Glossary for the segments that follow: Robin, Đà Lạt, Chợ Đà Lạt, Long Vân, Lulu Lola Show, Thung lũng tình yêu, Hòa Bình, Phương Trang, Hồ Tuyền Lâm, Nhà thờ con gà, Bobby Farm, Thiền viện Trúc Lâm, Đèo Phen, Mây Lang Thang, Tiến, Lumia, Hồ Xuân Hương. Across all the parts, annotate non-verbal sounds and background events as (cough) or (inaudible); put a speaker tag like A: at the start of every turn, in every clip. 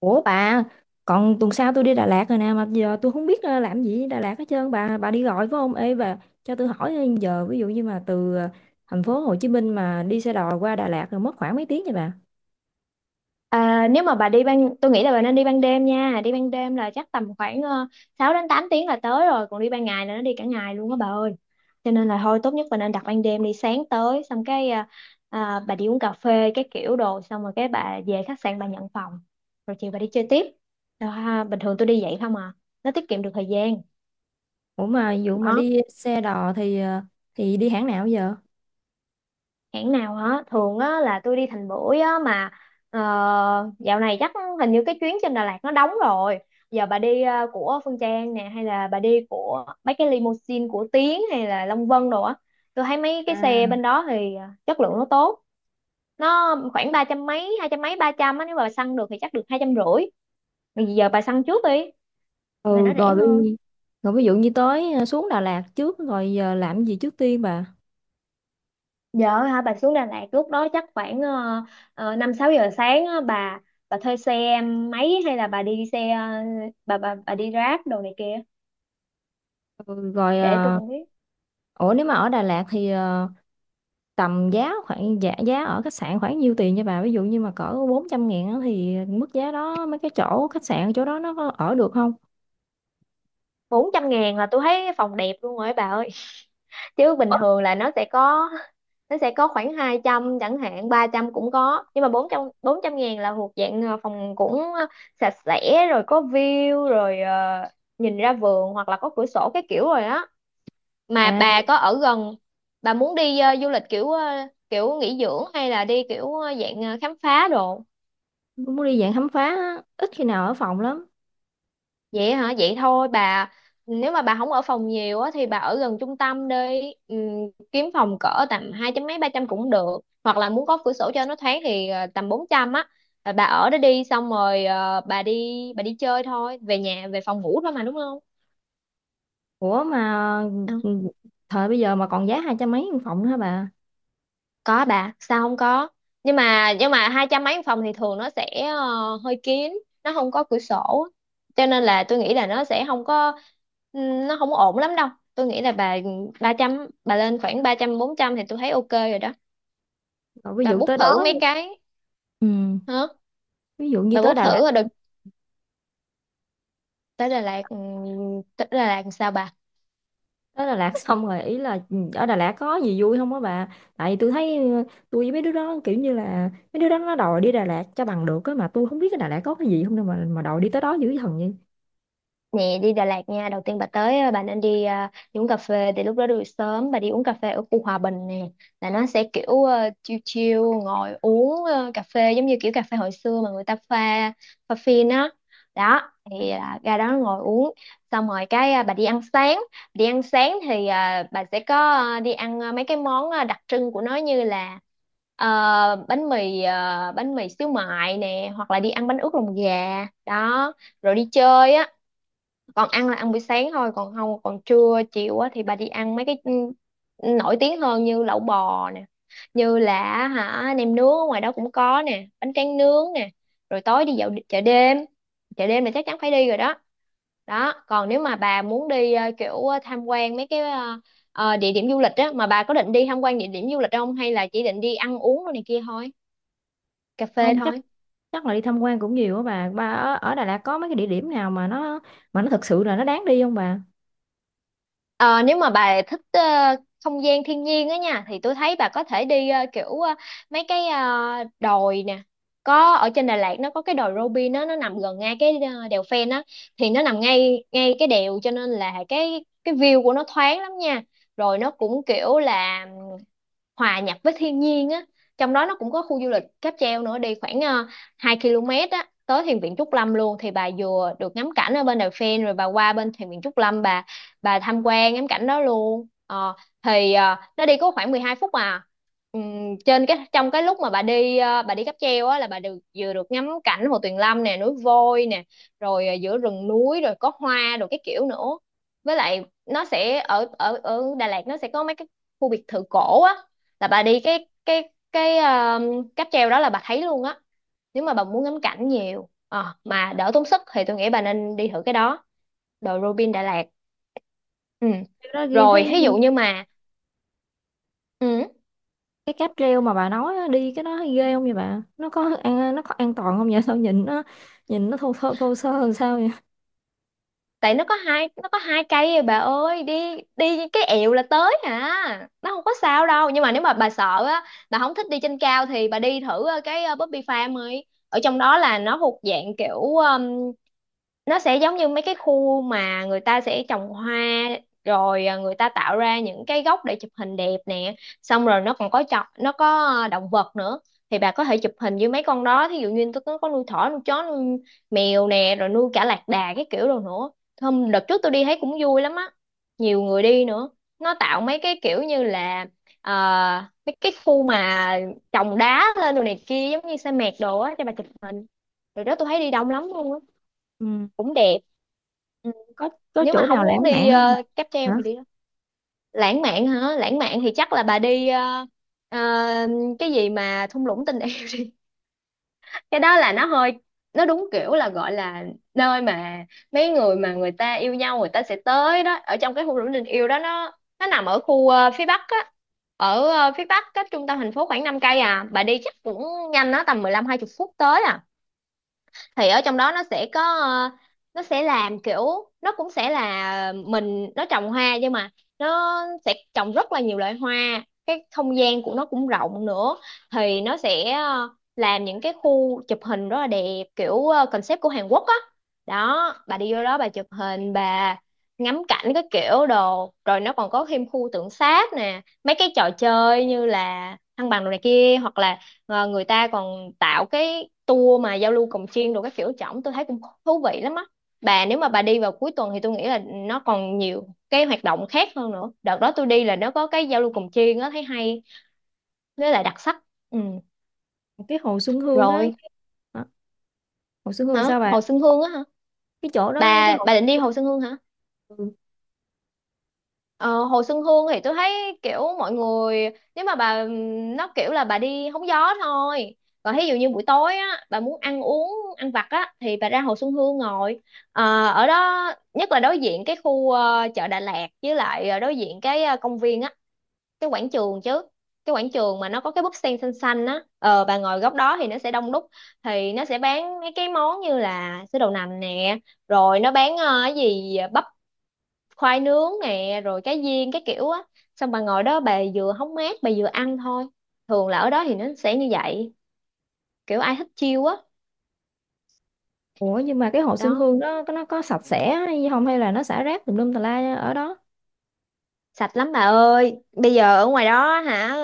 A: Ủa bà, còn tuần sau tôi đi Đà Lạt rồi nè mà giờ tôi không biết làm gì ở Đà Lạt hết trơn, bà đi gọi phải không? Ê bà, cho tôi hỏi giờ ví dụ như mà từ thành phố Hồ Chí Minh mà đi xe đò qua Đà Lạt rồi mất khoảng mấy tiếng vậy bà?
B: À, nếu mà bà đi ban tôi nghĩ là bà nên đi ban đêm nha. Đi ban đêm là chắc tầm khoảng 6 đến 8 tiếng là tới rồi. Còn đi ban ngày là nó đi cả ngày luôn á bà ơi, cho nên là thôi tốt nhất bà nên đặt ban đêm đi sáng tới, xong cái bà đi uống cà phê cái kiểu đồ, xong rồi cái bà về khách sạn bà nhận phòng, rồi chiều bà đi chơi tiếp. Đó ha, bình thường tôi đi vậy không à, nó tiết kiệm được thời gian.
A: Ủa mà ví dụ mà
B: Đó,
A: đi xe đò thì đi hãng nào giờ?
B: hãng nào hả, thường á là tôi đi Thành Bưởi á mà ờ, dạo này chắc hình như cái chuyến trên Đà Lạt nó đóng rồi. Giờ bà đi của Phương Trang nè, hay là bà đi của mấy cái limousine của Tiến hay là Long Vân đồ á. Tôi thấy mấy cái xe
A: À.
B: bên đó thì chất lượng nó tốt. Nó khoảng ba trăm mấy, hai trăm mấy, ba trăm á, nếu mà bà săn được thì chắc được 250. Bây giờ bà săn trước đi rồi
A: Ừ,
B: nó rẻ
A: rồi
B: hơn.
A: đi, rồi ví dụ như tới xuống Đà Lạt trước rồi giờ làm gì trước tiên bà?
B: Dạ hả, bà xuống Đà Lạt lúc đó chắc khoảng năm sáu giờ sáng á bà. Bà thuê xe máy hay là bà đi xe bà đi Grab đồ này kia,
A: Ừ, rồi
B: để tôi
A: ờ,
B: cũng biết.
A: ủa nếu mà ở Đà Lạt thì tầm giá khoảng giá ở khách sạn khoảng nhiêu tiền nha bà, ví dụ như mà cỡ 400 ngàn á thì mức giá đó mấy cái chỗ khách sạn chỗ đó nó có ở được không?
B: Bốn trăm ngàn là tôi thấy phòng đẹp luôn rồi ấy bà ơi, chứ bình
A: Ủa?
B: thường là nó sẽ có. Nó sẽ có khoảng 200 chẳng hạn, 300 cũng có, nhưng mà bốn trăm ngàn là thuộc dạng phòng cũng sạch sẽ rồi, có view rồi, nhìn ra vườn hoặc là có cửa sổ cái kiểu rồi á. Mà
A: À,
B: bà có ở gần, bà muốn đi du lịch kiểu kiểu nghỉ dưỡng, hay là đi kiểu dạng khám phá đồ?
A: muốn đi dạng khám phá á, ít khi nào ở phòng lắm.
B: Vậy hả, vậy thôi bà, nếu mà bà không ở phòng nhiều á thì bà ở gần trung tâm đi. Kiếm phòng cỡ tầm hai trăm mấy, ba trăm cũng được, hoặc là muốn có cửa sổ cho nó thoáng thì tầm bốn trăm á. Rồi bà ở đó đi, xong rồi bà đi chơi thôi, về nhà về phòng ngủ thôi mà đúng không?
A: ủa mà ừ, thời bây giờ mà còn giá hai trăm mấy một phòng nữa hả bà?
B: Có bà, sao không có. Nhưng mà hai trăm mấy phòng thì thường nó sẽ hơi kín, nó không có cửa sổ, cho nên là tôi nghĩ là nó sẽ không có, nó không ổn lắm đâu. Tôi nghĩ là bà ba trăm, bà lên khoảng ba trăm bốn trăm thì tôi thấy ok rồi đó.
A: Rồi ví
B: Bà
A: dụ
B: book
A: tới
B: thử
A: đó,
B: mấy cái.
A: ừ,
B: Hả?
A: ví dụ như
B: Bà book thử rồi được. Tới Đà Lạt, tới Đà Lạt làm sao bà?
A: Tới Đà Lạt xong rồi ý là, ừ, ở Đà Lạt có gì vui không á bà? Tại vì tôi thấy, tôi với mấy đứa đó kiểu như là mấy đứa đó nó đòi đi Đà Lạt cho bằng được á, mà tôi không biết cái Đà Lạt có cái gì không đâu mà đòi đi tới đó dữ thần vậy.
B: Nè, đi Đà Lạt nha. Đầu tiên bà tới bà nên đi, đi uống cà phê. Thì lúc đó đi buổi sớm, bà đi uống cà phê ở khu Hòa Bình nè. Là nó sẽ kiểu chill chill. Ngồi uống cà phê giống như kiểu cà phê hồi xưa mà người ta pha Pha phin á. Đó thì ra đó ngồi uống. Xong rồi cái bà đi ăn sáng. Đi ăn sáng thì bà sẽ có đi ăn mấy cái món đặc trưng của nó. Như là ờ, bánh mì xíu mại nè. Hoặc là đi ăn bánh ướt lòng gà. Đó rồi đi chơi á, còn ăn là ăn buổi sáng thôi, còn không còn trưa chiều á thì bà đi ăn mấy cái nổi tiếng hơn, như lẩu bò nè, như là, hả, nem nướng ở ngoài đó cũng có nè, bánh tráng nướng nè, rồi tối đi dạo chợ đêm. Chợ đêm là chắc chắn phải đi rồi đó. Đó còn nếu mà bà muốn đi kiểu tham quan mấy cái địa điểm du lịch á, mà bà có định đi tham quan địa điểm du lịch không, hay là chỉ định đi ăn uống rồi này kia thôi, cà phê
A: Không chắc,
B: thôi?
A: chắc là đi tham quan cũng nhiều á bà. Bà ở Đà Lạt có mấy cái địa điểm nào mà nó thực sự là nó đáng đi không bà?
B: Ờ, Nếu mà bà thích không gian thiên nhiên á nha, thì tôi thấy bà có thể đi kiểu mấy cái đồi nè. Có ở trên Đà Lạt nó có cái đồi Robin đó, nó nằm gần ngay cái đèo Phen á. Thì nó nằm ngay ngay cái đèo, cho nên là cái view của nó thoáng lắm nha. Rồi nó cũng kiểu là hòa nhập với thiên nhiên á. Trong đó nó cũng có khu du lịch cáp treo nữa, đi khoảng 2 km á tới thiền viện Trúc Lâm luôn, thì bà vừa được ngắm cảnh ở bên Đài Phen rồi bà qua bên thiền viện Trúc Lâm, bà tham quan ngắm cảnh đó luôn. Ờ, thì nó đi có khoảng 12 phút à. Trên cái, trong cái lúc mà bà đi bà đi cáp treo á là bà được vừa được ngắm cảnh Hồ Tuyền Lâm nè, núi Voi nè, rồi giữa rừng núi, rồi có hoa rồi cái kiểu nữa. Với lại nó sẽ ở ở ở Đà Lạt nó sẽ có mấy cái khu biệt thự cổ á, là bà đi cái cáp treo đó là bà thấy luôn á. Nếu mà bà muốn ngắm cảnh nhiều, mà đỡ tốn sức thì tôi nghĩ bà nên đi thử cái đó, đồi Robin Đà Lạt. Ừ.
A: Cái đó ghê thấy.
B: Rồi ví dụ như mà, ừ,
A: Cái cáp treo mà bà nói á, đi cái đó thấy ghê không vậy bà, nó có an, nó có an toàn không vậy? Sao nhìn nó, nhìn nó thô thô, thô sơ làm sao vậy.
B: tại nó có hai cây rồi bà ơi, đi đi cái ẹo là tới hả? Nó không có sao đâu, nhưng mà nếu mà bà sợ á, bà không thích đi trên cao thì bà đi thử cái Bobby Farm ấy, ở trong đó là nó thuộc dạng kiểu nó sẽ giống như mấy cái khu mà người ta sẽ trồng hoa, rồi người ta tạo ra những cái góc để chụp hình đẹp nè. Xong rồi nó còn có chọn, nó có động vật nữa, thì bà có thể chụp hình với mấy con đó, thí dụ như tôi có nuôi thỏ, nuôi chó, nuôi mèo nè, rồi nuôi cả lạc đà cái kiểu đồ nữa. Hôm đợt trước tôi đi thấy cũng vui lắm á, nhiều người đi nữa. Nó tạo mấy cái kiểu như là mấy cái khu mà trồng đá lên đồ này kia giống như sa mạc đồ á cho bà chụp hình. Rồi đó, tôi thấy đi đông lắm luôn á,
A: Ừ.
B: cũng đẹp. Ừ.
A: có có
B: Nếu mà
A: chỗ
B: không
A: nào
B: muốn
A: lãng
B: đi
A: mạn không
B: cáp
A: bà?
B: treo thì đi đó. Lãng mạn hả, lãng mạn thì chắc là bà đi ờ, cái gì mà thung lũng tình yêu đi. (laughs) Cái đó là nó hơi, nó đúng kiểu là gọi là nơi mà mấy người mà người ta yêu nhau người ta sẽ tới đó. Ở trong cái thung lũng tình yêu đó, nó nằm ở khu phía bắc á, ở phía bắc cách trung tâm thành phố khoảng 5 cây à, bà đi chắc cũng nhanh đó, tầm 15 hai 20 phút tới à. Thì ở trong đó nó sẽ có, nó sẽ làm kiểu, nó cũng sẽ là mình nó trồng hoa, nhưng mà nó sẽ trồng rất là nhiều loại hoa. Cái không gian của nó cũng rộng nữa, thì nó sẽ làm những cái khu chụp hình rất là đẹp, kiểu concept của Hàn Quốc á. Đó bà đi vô đó bà chụp hình, bà ngắm cảnh cái kiểu đồ, rồi nó còn có thêm khu tượng sáp nè, mấy cái trò chơi như là thăng bằng đồ này kia, hoặc là người ta còn tạo cái tour mà giao lưu cồng chiêng đồ các kiểu trỏng, tôi thấy cũng thú vị lắm á. Bà nếu mà bà đi vào cuối tuần thì tôi nghĩ là nó còn nhiều cái hoạt động khác hơn nữa. Đợt đó tôi đi là nó có cái giao lưu cồng chiêng á, thấy hay với là đặc sắc. Ừ.
A: Cái hồ Xuân Hương á.
B: Rồi,
A: Hả? Hồ Xuân Hương
B: hả?
A: sao bà?
B: Hồ Xuân Hương á hả?
A: Cái chỗ đó, cái
B: bà
A: hồ.
B: bà định đi Hồ Xuân Hương hả?
A: Ừ.
B: Ờ, Hồ Xuân Hương thì tôi thấy kiểu mọi người, nếu mà bà, nó kiểu là bà đi hóng gió thôi. Còn thí dụ như buổi tối á bà muốn ăn uống, ăn vặt á thì bà ra Hồ Xuân Hương ngồi. Ở đó nhất là đối diện cái khu chợ Đà Lạt, với lại đối diện cái công viên á, cái quảng trường chứ, cái quảng trường mà nó có cái búp sen xanh xanh á. Ờ, bà ngồi góc đó thì nó sẽ đông đúc, thì nó sẽ bán mấy cái món như là sữa đậu nành nè, rồi nó bán cái gì bắp, khoai nướng nè, rồi cá viên cái kiểu á. Xong bà ngồi đó, bà vừa hóng mát bà vừa ăn thôi. Thường là ở đó thì nó sẽ như vậy. Kiểu ai thích chiêu á
A: Ủa nhưng mà cái hồ Xuân
B: đó.
A: Hương đó có, nó có sạch sẽ hay không, hay là nó xả rác tùm lum tà la ở đó?
B: Sạch lắm bà ơi, bây giờ ở ngoài đó hả.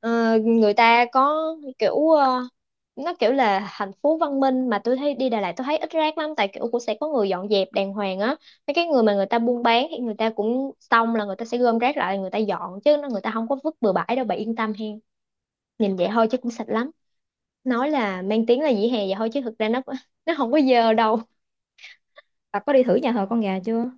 B: Người ta có kiểu nó kiểu là thành phố văn minh, mà tôi thấy đi Đà Lạt tôi thấy ít rác lắm, tại kiểu cũng sẽ có người dọn dẹp đàng hoàng á. Mấy cái người mà người ta buôn bán thì người ta cũng xong là người ta sẽ gom rác lại, người ta dọn chứ nó người ta không có vứt bừa bãi đâu, bà yên tâm hen. Nhìn vậy thôi chứ cũng sạch lắm. Nói là mang tiếng là vỉa hè vậy thôi chứ thực ra nó không có giờ đâu.
A: Bà có đi thử nhà thờ Con Gà chưa?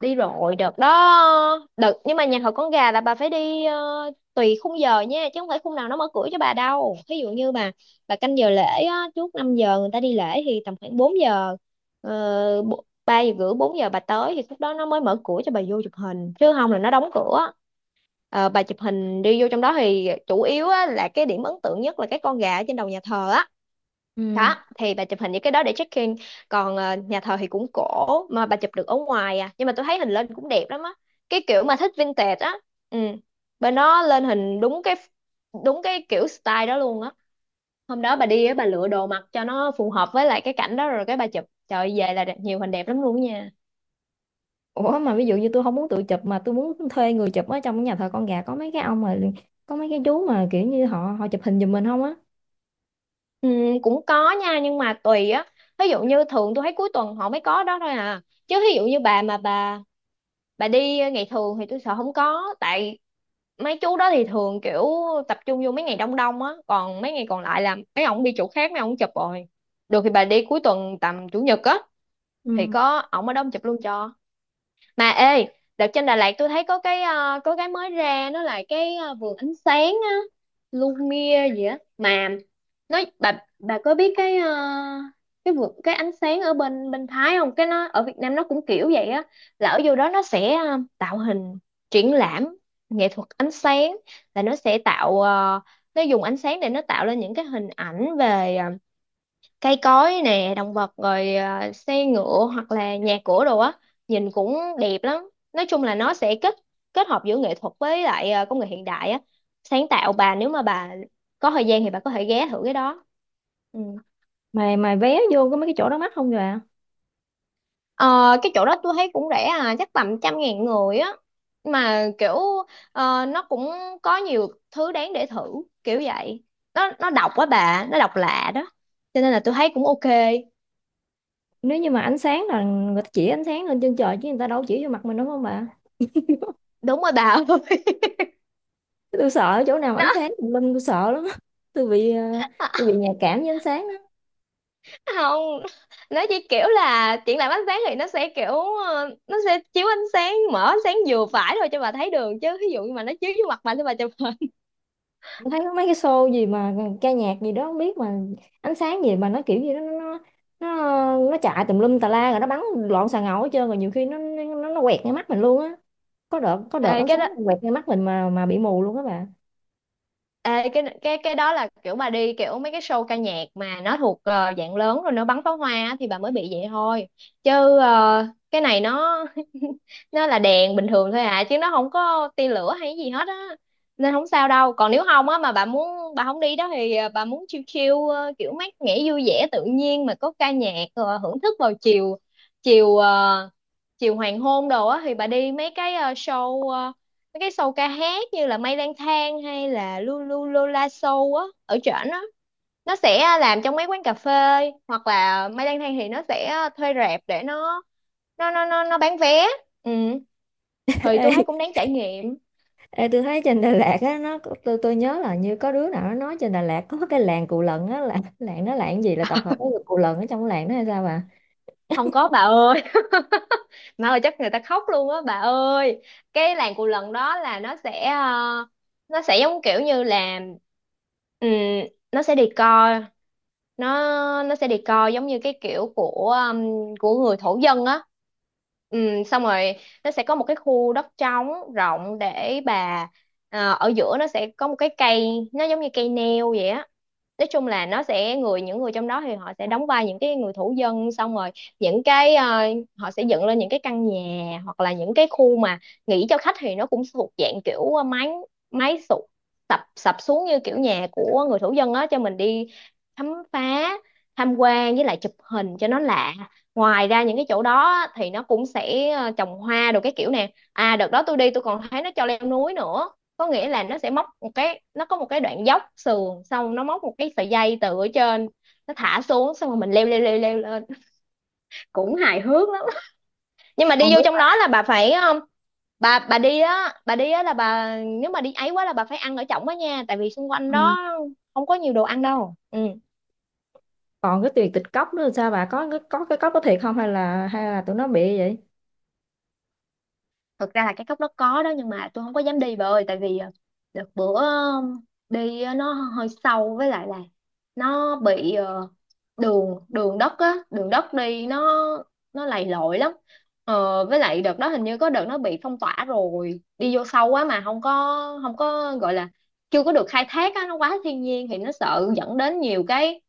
B: Đi rồi, đợt đó đợt nhưng mà nhà thờ con gà là bà phải đi tùy khung giờ nha, chứ không phải khung nào nó mở cửa cho bà đâu. Ví dụ như bà canh giờ lễ á, trước 5 giờ người ta đi lễ thì tầm khoảng 4 giờ, 3 giờ rưỡi, 4 giờ bà tới thì lúc đó nó mới mở cửa cho bà vô chụp hình chứ không là nó đóng cửa. Bà chụp hình đi vô trong đó thì chủ yếu á, là cái điểm ấn tượng nhất là cái con gà ở trên đầu nhà thờ á.
A: Ừ.
B: Đó thì bà chụp hình những cái đó để check in. Còn nhà thờ thì cũng cổ mà bà chụp được ở ngoài à, nhưng mà tôi thấy hình lên cũng đẹp lắm á. Cái kiểu mà thích vintage á. Ừ. Bên nó lên hình đúng cái kiểu style đó luôn á. Hôm đó bà đi á, bà lựa đồ mặc cho nó phù hợp với lại cái cảnh đó rồi cái bà chụp, trời ơi, về là đẹp, nhiều hình đẹp lắm luôn á nha.
A: Ủa mà ví dụ như tôi không muốn tự chụp mà tôi muốn thuê người chụp, ở trong nhà thờ Con Gà có mấy cái ông mà, có mấy cái chú mà kiểu như họ, họ chụp hình giùm mình không á?
B: Ừ, cũng có nha nhưng mà tùy á. Ví dụ như thường tôi thấy cuối tuần họ mới có đó thôi à, chứ ví dụ như bà mà bà đi ngày thường thì tôi sợ không có, tại mấy chú đó thì thường kiểu tập trung vô mấy ngày đông đông á, còn mấy ngày còn lại là mấy ông đi chỗ khác mấy ông chụp rồi. Được thì bà đi cuối tuần tầm chủ nhật á, thì
A: Ừ.
B: có ổng ở đó ông chụp luôn cho. Mà ê, đợt trên Đà Lạt tôi thấy có cái mới ra nó là cái vườn ánh sáng á. Lumia gì á mà nói bà có biết cái cái vườn cái ánh sáng ở bên bên Thái không, cái nó ở Việt Nam nó cũng kiểu vậy á. Là ở vô đó nó sẽ tạo hình triển lãm nghệ thuật ánh sáng. Là nó sẽ tạo ờ, nó dùng ánh sáng để nó tạo lên những cái hình ảnh về cây cối nè, động vật, rồi à, xe ngựa hoặc là nhà cửa đồ á. Nhìn cũng đẹp lắm. Nói chung là nó sẽ kết kết hợp giữa nghệ thuật với lại công nghệ hiện đại á. Sáng tạo. Bà nếu mà bà có thời gian thì bà có thể ghé thử cái đó. Ừ.
A: Mà vé vô có mấy cái chỗ đó mắc không bà?
B: Ờ, cái chỗ đó tôi thấy cũng rẻ à, chắc tầm 100.000 người á. Mà kiểu nó cũng có nhiều thứ đáng để thử, kiểu vậy. Nó độc quá bà, nó độc lạ đó, cho nên là tôi thấy cũng ok.
A: Nếu như mà ánh sáng là người ta chỉ ánh sáng lên trên trời chứ người ta đâu có chỉ vô mặt mình, đúng không bà?
B: Đúng rồi bà ơi.
A: Tôi sợ chỗ nào mà ánh
B: (laughs)
A: sáng tùm lum, tôi sợ lắm á. Tôi bị
B: Nó
A: tôi bị nhạy cảm với ánh sáng đó.
B: không, nó chỉ kiểu là triển lãm ánh sáng thì nó sẽ kiểu nó sẽ chiếu ánh sáng, mở ánh sáng vừa phải thôi cho bà thấy đường, chứ ví dụ như mà nó chiếu vô mặt bà thì bà chụp hình.
A: Tôi thấy có mấy cái show gì mà ca nhạc gì đó không biết, mà ánh sáng gì mà nó kiểu gì đó, nó chạy tùm lum tà la rồi nó bắn loạn xà ngầu hết trơn, rồi nhiều khi nó quẹt ngay mắt mình luôn á. có đợt có
B: Thì
A: đợt ánh
B: cái
A: sáng
B: đó
A: quẹt ngay mắt mình mà bị mù luôn á bà.
B: ê, cái đó là kiểu mà đi kiểu mấy cái show ca nhạc mà nó thuộc dạng lớn rồi nó bắn pháo hoa á, thì bà mới bị vậy thôi. Chứ cái này nó (laughs) nó là đèn bình thường thôi à, chứ nó không có tia lửa hay gì hết á. Nên không sao đâu. Còn nếu không á mà bà muốn bà không đi đó thì bà muốn chill chill kiểu mát mẻ vui vẻ tự nhiên mà có ca nhạc hưởng thức vào chiều chiều ờ, chiều hoàng hôn đồ á thì bà đi mấy cái show ca hát như là Mây Lang Thang hay là Lulu Lola Show á ở trển á. Nó sẽ làm trong mấy quán cà phê, hoặc là Mây Lang Thang thì nó sẽ thuê rạp để nó bán vé. Ừ.
A: (laughs)
B: Thì
A: Ê,
B: tôi thấy cũng đáng trải nghiệm.
A: ê, tôi thấy trên Đà Lạt á nó có, tôi nhớ là như có đứa nào nó nói trên Đà Lạt có cái làng Cù Lần á, là làng nó, làng gì là tập hợp của người Cù Lần ở trong cái làng đó hay sao bà?
B: Không có bà ơi. (laughs) Mà ơi, chắc người ta khóc luôn á bà ơi. Cái làng cù lần đó là nó sẽ giống kiểu như là ừm, nó sẽ đi coi. Nó nó sẽ đi coi giống như cái kiểu của người thổ dân á. Xong rồi nó sẽ có một cái khu đất trống rộng để bà ở giữa nó sẽ có một cái cây nó giống như cây nêu vậy á. Nói chung là nó sẽ người, những người trong đó thì họ sẽ đóng vai những cái người thủ dân, xong rồi những cái ờ, họ sẽ dựng lên những cái căn nhà hoặc là những cái khu mà nghỉ cho khách, thì nó cũng thuộc dạng kiểu mái mái sụp, sập sập xuống như kiểu nhà của người thủ dân á, cho mình đi khám phá, tham quan với lại chụp hình cho nó lạ. Ngoài ra những cái chỗ đó á, thì nó cũng sẽ trồng hoa đồ cái kiểu nè. À, đợt đó tôi đi tôi còn thấy nó cho leo núi nữa. Có nghĩa là nó sẽ móc một cái, nó có một cái đoạn dốc sườn xong nó móc một cái sợi dây từ ở trên nó thả xuống, xong rồi mình leo leo leo leo lên. Cũng hài hước lắm. Nhưng mà
A: Con.
B: đi vô trong đó là bà phải bà đi á, bà đi á là bà nếu mà đi ấy quá là bà phải ăn ở trỏng đó nha, tại vì xung quanh
A: Đứa.
B: đó không có nhiều đồ ăn đâu. Ừ.
A: Còn cái tiền tịch cốc nữa là sao bà, có cái, có cái cốc có thiệt không, hay là, hay là tụi nó bị vậy?
B: Thực ra là cái cốc đó có đó, nhưng mà tôi không có dám đi bà ơi, tại vì đợt bữa đi á, nó hơi sâu với lại là nó bị đường đường đất á, đường đất đi nó lầy lội lắm. Với lại đợt đó hình như có đợt nó bị phong tỏa rồi, đi vô sâu quá mà không có gọi là chưa có được khai thác á, nó quá thiên nhiên thì nó sợ dẫn đến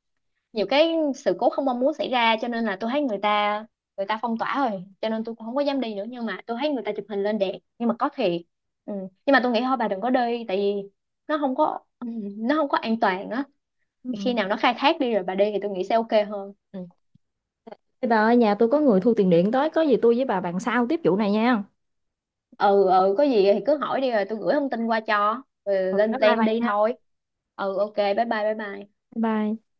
B: nhiều cái sự cố không mong muốn xảy ra, cho nên là tôi thấy người ta phong tỏa rồi, cho nên tôi cũng không có dám đi nữa, nhưng mà tôi thấy người ta chụp hình lên đẹp nhưng mà có thiệt. Ừ. Nhưng mà tôi nghĩ thôi bà đừng có đi, tại vì nó không có ừ, nó không có an toàn á.
A: Ừ.
B: Thì khi nào nó khai thác đi rồi bà đi thì tôi nghĩ sẽ ok hơn. Ừ.
A: Thế bà ơi, nhà tôi có người thu tiền điện tới, có gì tôi với bà bàn sau tiếp vụ này nha.
B: Ừ, có gì thì cứ hỏi đi rồi tôi gửi thông tin qua cho, rồi
A: Ừ,
B: lên
A: bye bye
B: plan
A: bà
B: đi
A: nha.
B: thôi. Ừ, ok, bye bye bye bye.
A: Bye bye.